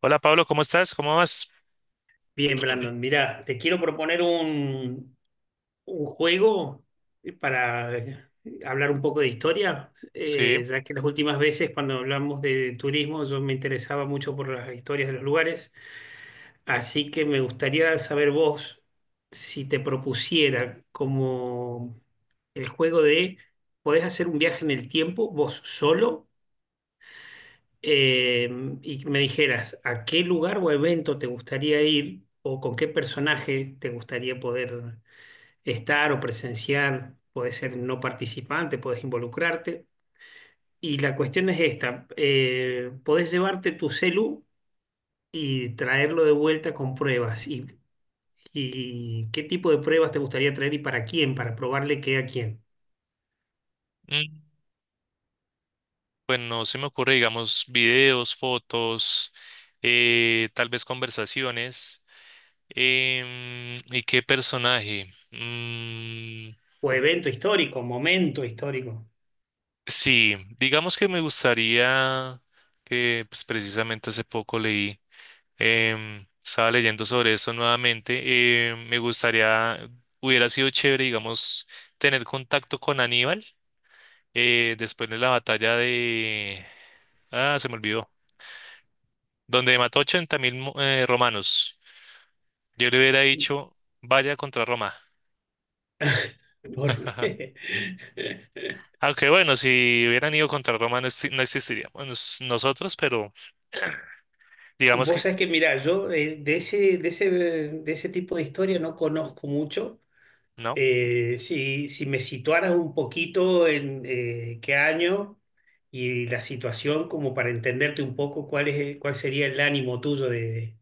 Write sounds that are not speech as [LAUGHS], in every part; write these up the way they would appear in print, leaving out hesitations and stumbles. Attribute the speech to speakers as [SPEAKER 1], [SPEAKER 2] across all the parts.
[SPEAKER 1] Hola Pablo, ¿cómo estás? ¿Cómo vas?
[SPEAKER 2] Bien, Brandon, mira te quiero proponer un juego para hablar un poco de historia,
[SPEAKER 1] Sí,
[SPEAKER 2] ya que las últimas veces cuando hablamos de turismo yo me interesaba mucho por las historias de los lugares, así que me gustaría saber vos si te propusiera como el juego ¿podés hacer un viaje en el tiempo vos solo? eh, y me dijeras a qué lugar o evento te gustaría ir o con qué personaje te gustaría poder estar o presenciar, podés ser no participante, podés involucrarte. Y la cuestión es esta, podés llevarte tu celu y traerlo de vuelta con pruebas. Y qué tipo de pruebas te gustaría traer y ¿para quién? Para probarle qué a quién.
[SPEAKER 1] mm, pues no se me ocurre, digamos, videos, fotos, tal vez conversaciones. ¿Y qué personaje? Mm,
[SPEAKER 2] O evento histórico, momento histórico.
[SPEAKER 1] sí, digamos que me gustaría que pues, precisamente hace poco leí, estaba leyendo sobre eso nuevamente. Me gustaría, hubiera sido chévere, digamos, tener contacto con Aníbal después de la batalla de. Ah, se me olvidó. Donde mató 80.000 romanos. Yo le hubiera dicho, vaya contra Roma.
[SPEAKER 2] [LAUGHS]
[SPEAKER 1] [LAUGHS]
[SPEAKER 2] Porque [LAUGHS]
[SPEAKER 1] Aunque bueno, si hubieran ido contra Roma no, no existiríamos nosotros, pero digamos
[SPEAKER 2] Vos
[SPEAKER 1] que
[SPEAKER 2] sabés que, mirá, yo de ese tipo de historia no conozco mucho.
[SPEAKER 1] no.
[SPEAKER 2] Si me situaras un poquito en qué año y la situación, como para entenderte un poco cuál es, cuál sería el ánimo tuyo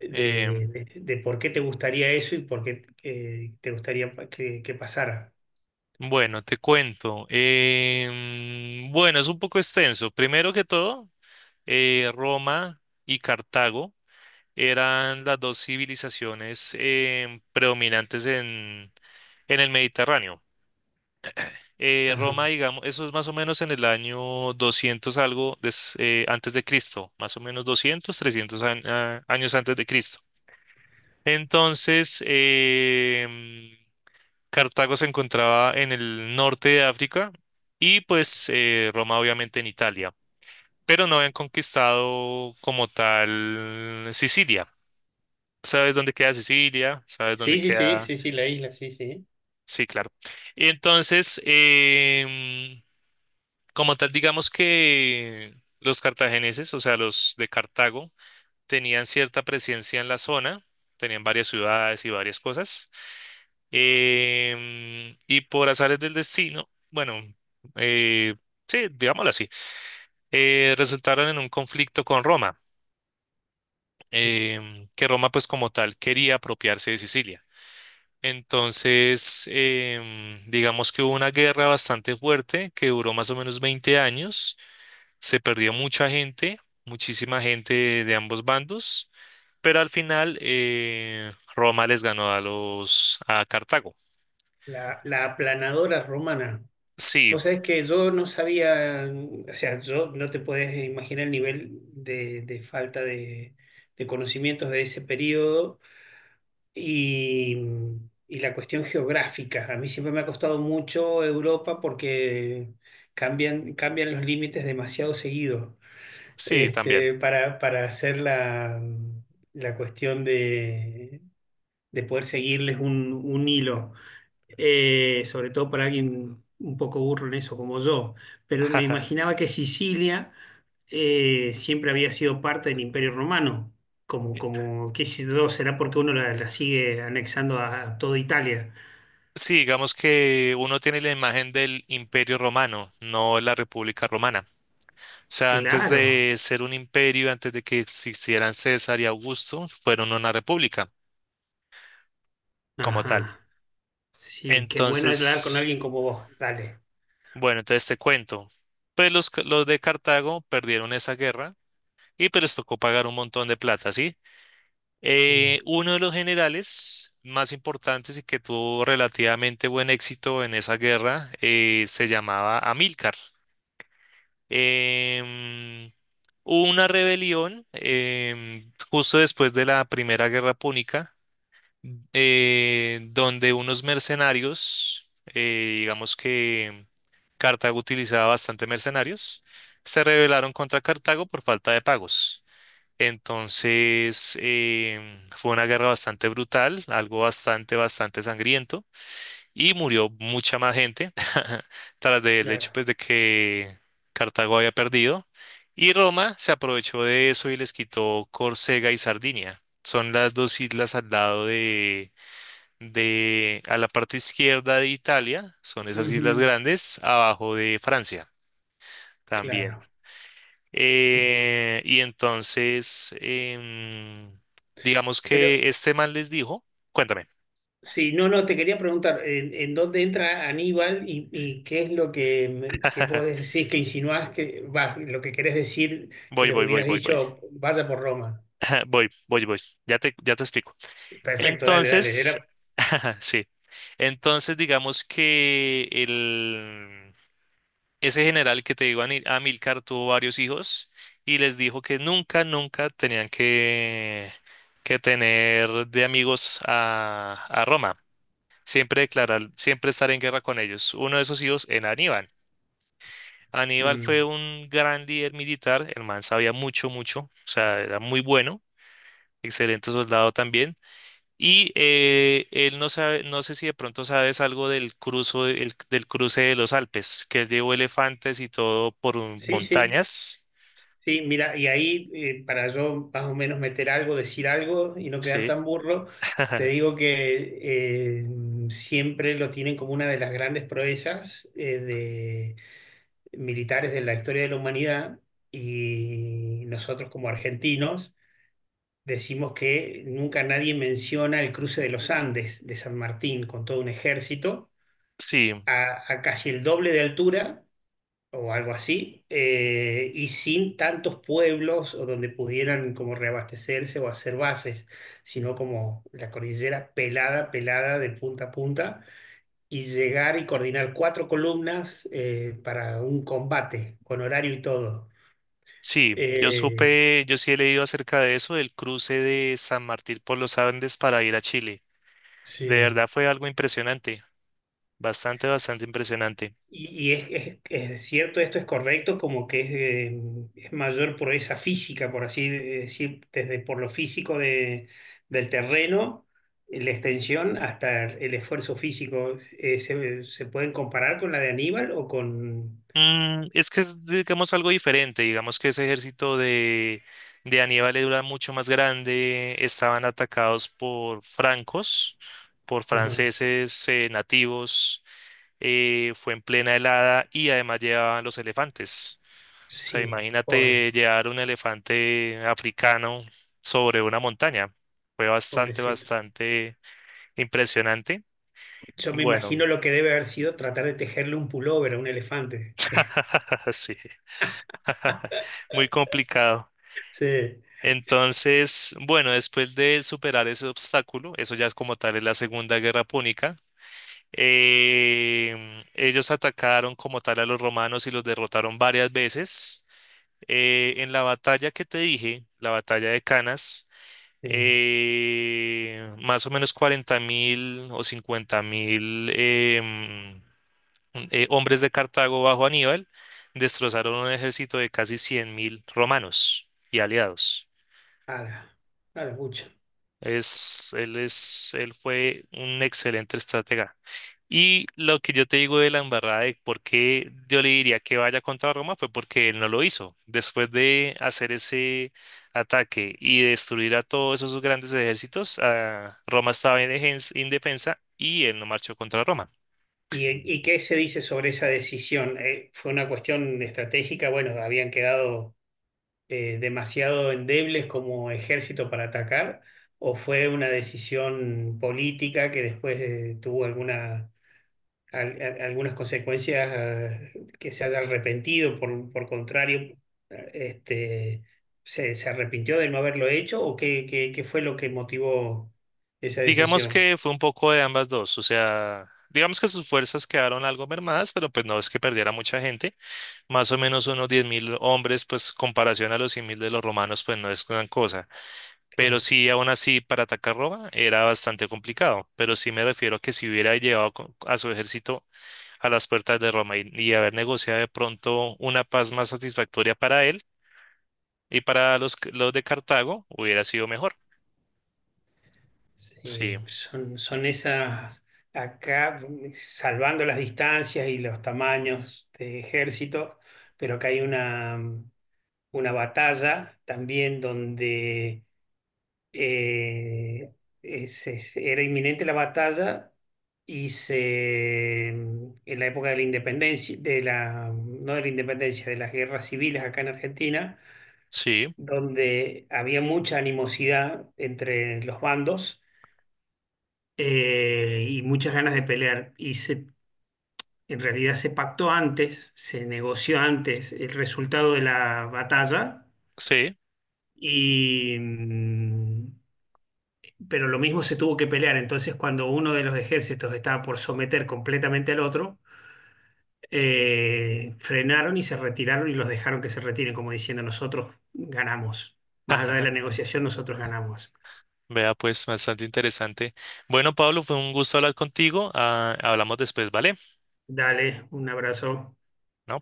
[SPEAKER 2] de,
[SPEAKER 1] Eh,
[SPEAKER 2] de por qué te gustaría eso y por qué te gustaría que pasara.
[SPEAKER 1] bueno, te cuento. Bueno, es un poco extenso. Primero que todo, Roma y Cartago eran las dos civilizaciones predominantes en el Mediterráneo.
[SPEAKER 2] Ajá.
[SPEAKER 1] Roma, digamos, eso es más o menos en el año doscientos algo antes de Cristo, más o menos 200, 300 años antes de Cristo. Entonces, Cartago se encontraba en el norte de África y pues Roma obviamente en Italia, pero no habían conquistado como tal Sicilia. ¿Sabes dónde queda Sicilia? ¿Sabes dónde
[SPEAKER 2] Sí, sí, sí,
[SPEAKER 1] queda?
[SPEAKER 2] sí, sí, la isla, sí, sí.
[SPEAKER 1] Sí, claro. Entonces, como tal, digamos que los cartagineses, o sea, los de Cartago, tenían cierta presencia en la zona, tenían varias ciudades y varias cosas. Y por azares del destino, bueno, eh, sí, digámoslo así, resultaron en un conflicto con Roma, que Roma pues como tal quería apropiarse de Sicilia. Entonces, digamos que hubo una guerra bastante fuerte que duró más o menos 20 años. Se perdió mucha gente, muchísima gente de ambos bandos, pero al final Roma les ganó a Cartago.
[SPEAKER 2] La aplanadora romana.
[SPEAKER 1] Sí,
[SPEAKER 2] Vos sabés que yo no sabía, o sea, yo no te podés imaginar el nivel de falta de conocimientos de ese periodo y, y la cuestión geográfica. A mí siempre me ha costado mucho Europa porque cambian los límites demasiado seguido,
[SPEAKER 1] sí, también.
[SPEAKER 2] este, para hacer la cuestión de poder seguirles un hilo sobre todo para alguien un poco burro en eso como yo, pero me
[SPEAKER 1] [LAUGHS]
[SPEAKER 2] imaginaba que Sicilia siempre había sido parte del Imperio Romano, como, como qué sé yo, será porque uno la sigue anexando a toda Italia.
[SPEAKER 1] Sí, digamos que uno tiene la imagen del Imperio Romano, no la República Romana. O sea, antes
[SPEAKER 2] Claro,
[SPEAKER 1] de ser un imperio, antes de que existieran César y Augusto, fueron una república como tal.
[SPEAKER 2] ajá, sí, qué bueno es hablar con
[SPEAKER 1] Entonces,
[SPEAKER 2] alguien como vos, dale.
[SPEAKER 1] bueno, entonces te cuento. Pues los de Cartago perdieron esa guerra y pues les tocó pagar un montón de plata, ¿sí? Eh,
[SPEAKER 2] Sí,
[SPEAKER 1] uno de los generales más importantes y que tuvo relativamente buen éxito en esa guerra se llamaba Amílcar. Em, hubo una rebelión justo después de la Primera Guerra Púnica, donde unos mercenarios, digamos que Cartago utilizaba bastante mercenarios, se rebelaron contra Cartago por falta de pagos. Entonces, fue una guerra bastante brutal, algo bastante, bastante sangriento, y murió mucha más gente [LAUGHS] tras del hecho
[SPEAKER 2] claro,
[SPEAKER 1] pues, de que Cartago había perdido, y Roma se aprovechó de eso y les quitó Córcega y Sardinia. Son las dos islas al lado de, a la parte izquierda de Italia, son esas islas
[SPEAKER 2] ujú,
[SPEAKER 1] grandes, abajo de Francia también.
[SPEAKER 2] claro, mira.
[SPEAKER 1] Y entonces, digamos
[SPEAKER 2] Pero
[SPEAKER 1] que este man les dijo. Cuéntame.
[SPEAKER 2] sí, no, no, te quería preguntar, en dónde entra Aníbal y qué es lo que vos
[SPEAKER 1] [LAUGHS]
[SPEAKER 2] decís, que insinuás que, va, lo que querés decir, que
[SPEAKER 1] Voy,
[SPEAKER 2] les
[SPEAKER 1] voy, voy,
[SPEAKER 2] hubieras
[SPEAKER 1] voy, voy.
[SPEAKER 2] dicho, vaya por Roma?
[SPEAKER 1] [LAUGHS] Voy, voy, voy. Ya te explico.
[SPEAKER 2] Perfecto, dale, dale. Era,
[SPEAKER 1] Entonces, [LAUGHS] sí. Entonces, digamos que ese general que te digo, Amílcar, tuvo varios hijos y les dijo que nunca, nunca tenían que tener de amigos a Roma. Siempre declarar, siempre estar en guerra con ellos. Uno de esos hijos en Aníbal. Aníbal fue
[SPEAKER 2] mm,
[SPEAKER 1] un gran líder militar, el man sabía mucho, mucho, o sea, era muy bueno, excelente soldado también. Y él no sabe, no sé si de pronto sabes algo del cruce de los Alpes, que él llevó elefantes y todo por
[SPEAKER 2] sí, sí,
[SPEAKER 1] montañas.
[SPEAKER 2] sí, mira, y ahí para yo más o menos meter algo, decir algo y no quedar
[SPEAKER 1] Sí.
[SPEAKER 2] tan burro, te
[SPEAKER 1] [LAUGHS]
[SPEAKER 2] digo que eh, siempre lo tienen como una de las grandes proezas militares de la historia de la humanidad y nosotros como argentinos decimos que nunca nadie menciona el cruce de los Andes de San Martín con todo un ejército
[SPEAKER 1] Sí,
[SPEAKER 2] a casi el doble de altura o algo así y sin tantos pueblos o donde pudieran como reabastecerse o hacer bases, sino como la cordillera pelada, pelada de punta a punta y llegar y coordinar cuatro columnas para un combate con horario y todo.
[SPEAKER 1] sí,
[SPEAKER 2] Eh,
[SPEAKER 1] yo sí he leído acerca de eso, del cruce de San Martín por los Andes para ir a Chile. De
[SPEAKER 2] sí.
[SPEAKER 1] verdad fue algo impresionante, bastante, bastante impresionante.
[SPEAKER 2] Y es cierto, esto es correcto, como que es mayor proeza física, por así decir, desde por lo físico de, del terreno, la extensión, hasta el esfuerzo físico. Se pueden comparar con la de Aníbal o con...
[SPEAKER 1] Es que es, digamos, algo diferente, digamos que ese ejército de Aníbal era mucho más grande, estaban atacados por
[SPEAKER 2] Ajá.
[SPEAKER 1] franceses nativos, fue en plena helada y además llevaban los elefantes. O sea,
[SPEAKER 2] Sí,
[SPEAKER 1] imagínate
[SPEAKER 2] pobres,
[SPEAKER 1] llevar un elefante africano sobre una montaña. Fue bastante,
[SPEAKER 2] pobrecito.
[SPEAKER 1] bastante impresionante.
[SPEAKER 2] Yo me
[SPEAKER 1] Bueno.
[SPEAKER 2] imagino lo que debe haber sido tratar de tejerle un pullover a un elefante. [LAUGHS]
[SPEAKER 1] [LAUGHS] Sí, [LAUGHS] muy complicado.
[SPEAKER 2] Sí,
[SPEAKER 1] Entonces, bueno, después de superar ese obstáculo, eso ya es como tal es la Segunda Guerra Púnica, ellos atacaron como tal a los romanos y los derrotaron varias veces. En la batalla que te dije, la batalla de Canas,
[SPEAKER 2] sí.
[SPEAKER 1] más o menos 40 mil o 50 mil hombres de Cartago bajo Aníbal destrozaron un ejército de casi 100.000 romanos y aliados.
[SPEAKER 2] A la, a la pucha.
[SPEAKER 1] Él fue un excelente estratega. Y lo que yo te digo de la embarrada de por qué yo le diría que vaya contra Roma fue porque él no lo hizo. Después de hacer ese ataque y destruir a todos esos grandes ejércitos, ah, Roma estaba indefensa y él no marchó contra Roma.
[SPEAKER 2] ¿Y, y qué se dice sobre esa decisión? ¿Fue una cuestión estratégica? Bueno, ¿habían quedado demasiado endebles como ejército para atacar? ¿O fue una decisión política que después tuvo alguna, algunas consecuencias que se haya arrepentido? Por contrario, este, se arrepintió de no haberlo hecho? ¿O qué, qué, qué fue lo que motivó esa
[SPEAKER 1] Digamos
[SPEAKER 2] decisión?
[SPEAKER 1] que fue un poco de ambas dos, o sea, digamos que sus fuerzas quedaron algo mermadas, pero pues no es que perdiera mucha gente, más o menos unos 10.000 hombres, pues comparación a los 100.000 de los romanos, pues no es gran cosa, pero
[SPEAKER 2] Claro.
[SPEAKER 1] sí, aún así, para atacar Roma era bastante complicado, pero sí me refiero a que si hubiera llevado a su ejército a las puertas de Roma y haber negociado de pronto una paz más satisfactoria para él y para los de Cartago, hubiera sido mejor.
[SPEAKER 2] Sí,
[SPEAKER 1] Sí,
[SPEAKER 2] son, son esas, acá, mm, salvando las distancias y los tamaños de ejército, pero acá hay una, mm, una batalla también donde eh, era inminente la batalla y se, mm, en la época de la independencia, de la, mm, no de la independencia, de las guerras civiles acá en Argentina,
[SPEAKER 1] sí,
[SPEAKER 2] donde había mucha animosidad entre los bandos y muchas ganas de pelear. Y se, en realidad se pactó antes, se negoció antes el resultado de la batalla,
[SPEAKER 1] sí.
[SPEAKER 2] y, mm, pero lo mismo se tuvo que pelear. Entonces, cuando uno de los ejércitos estaba por someter completamente al otro, frenaron y se retiraron y los dejaron que se retiren, como diciendo, nosotros ganamos. Más allá de la
[SPEAKER 1] [LAUGHS]
[SPEAKER 2] negociación, nosotros ganamos.
[SPEAKER 1] Vea, pues, bastante interesante. Bueno, Pablo, fue un gusto hablar contigo. Ah, hablamos después, ¿vale?
[SPEAKER 2] Dale, un abrazo.
[SPEAKER 1] ¿No?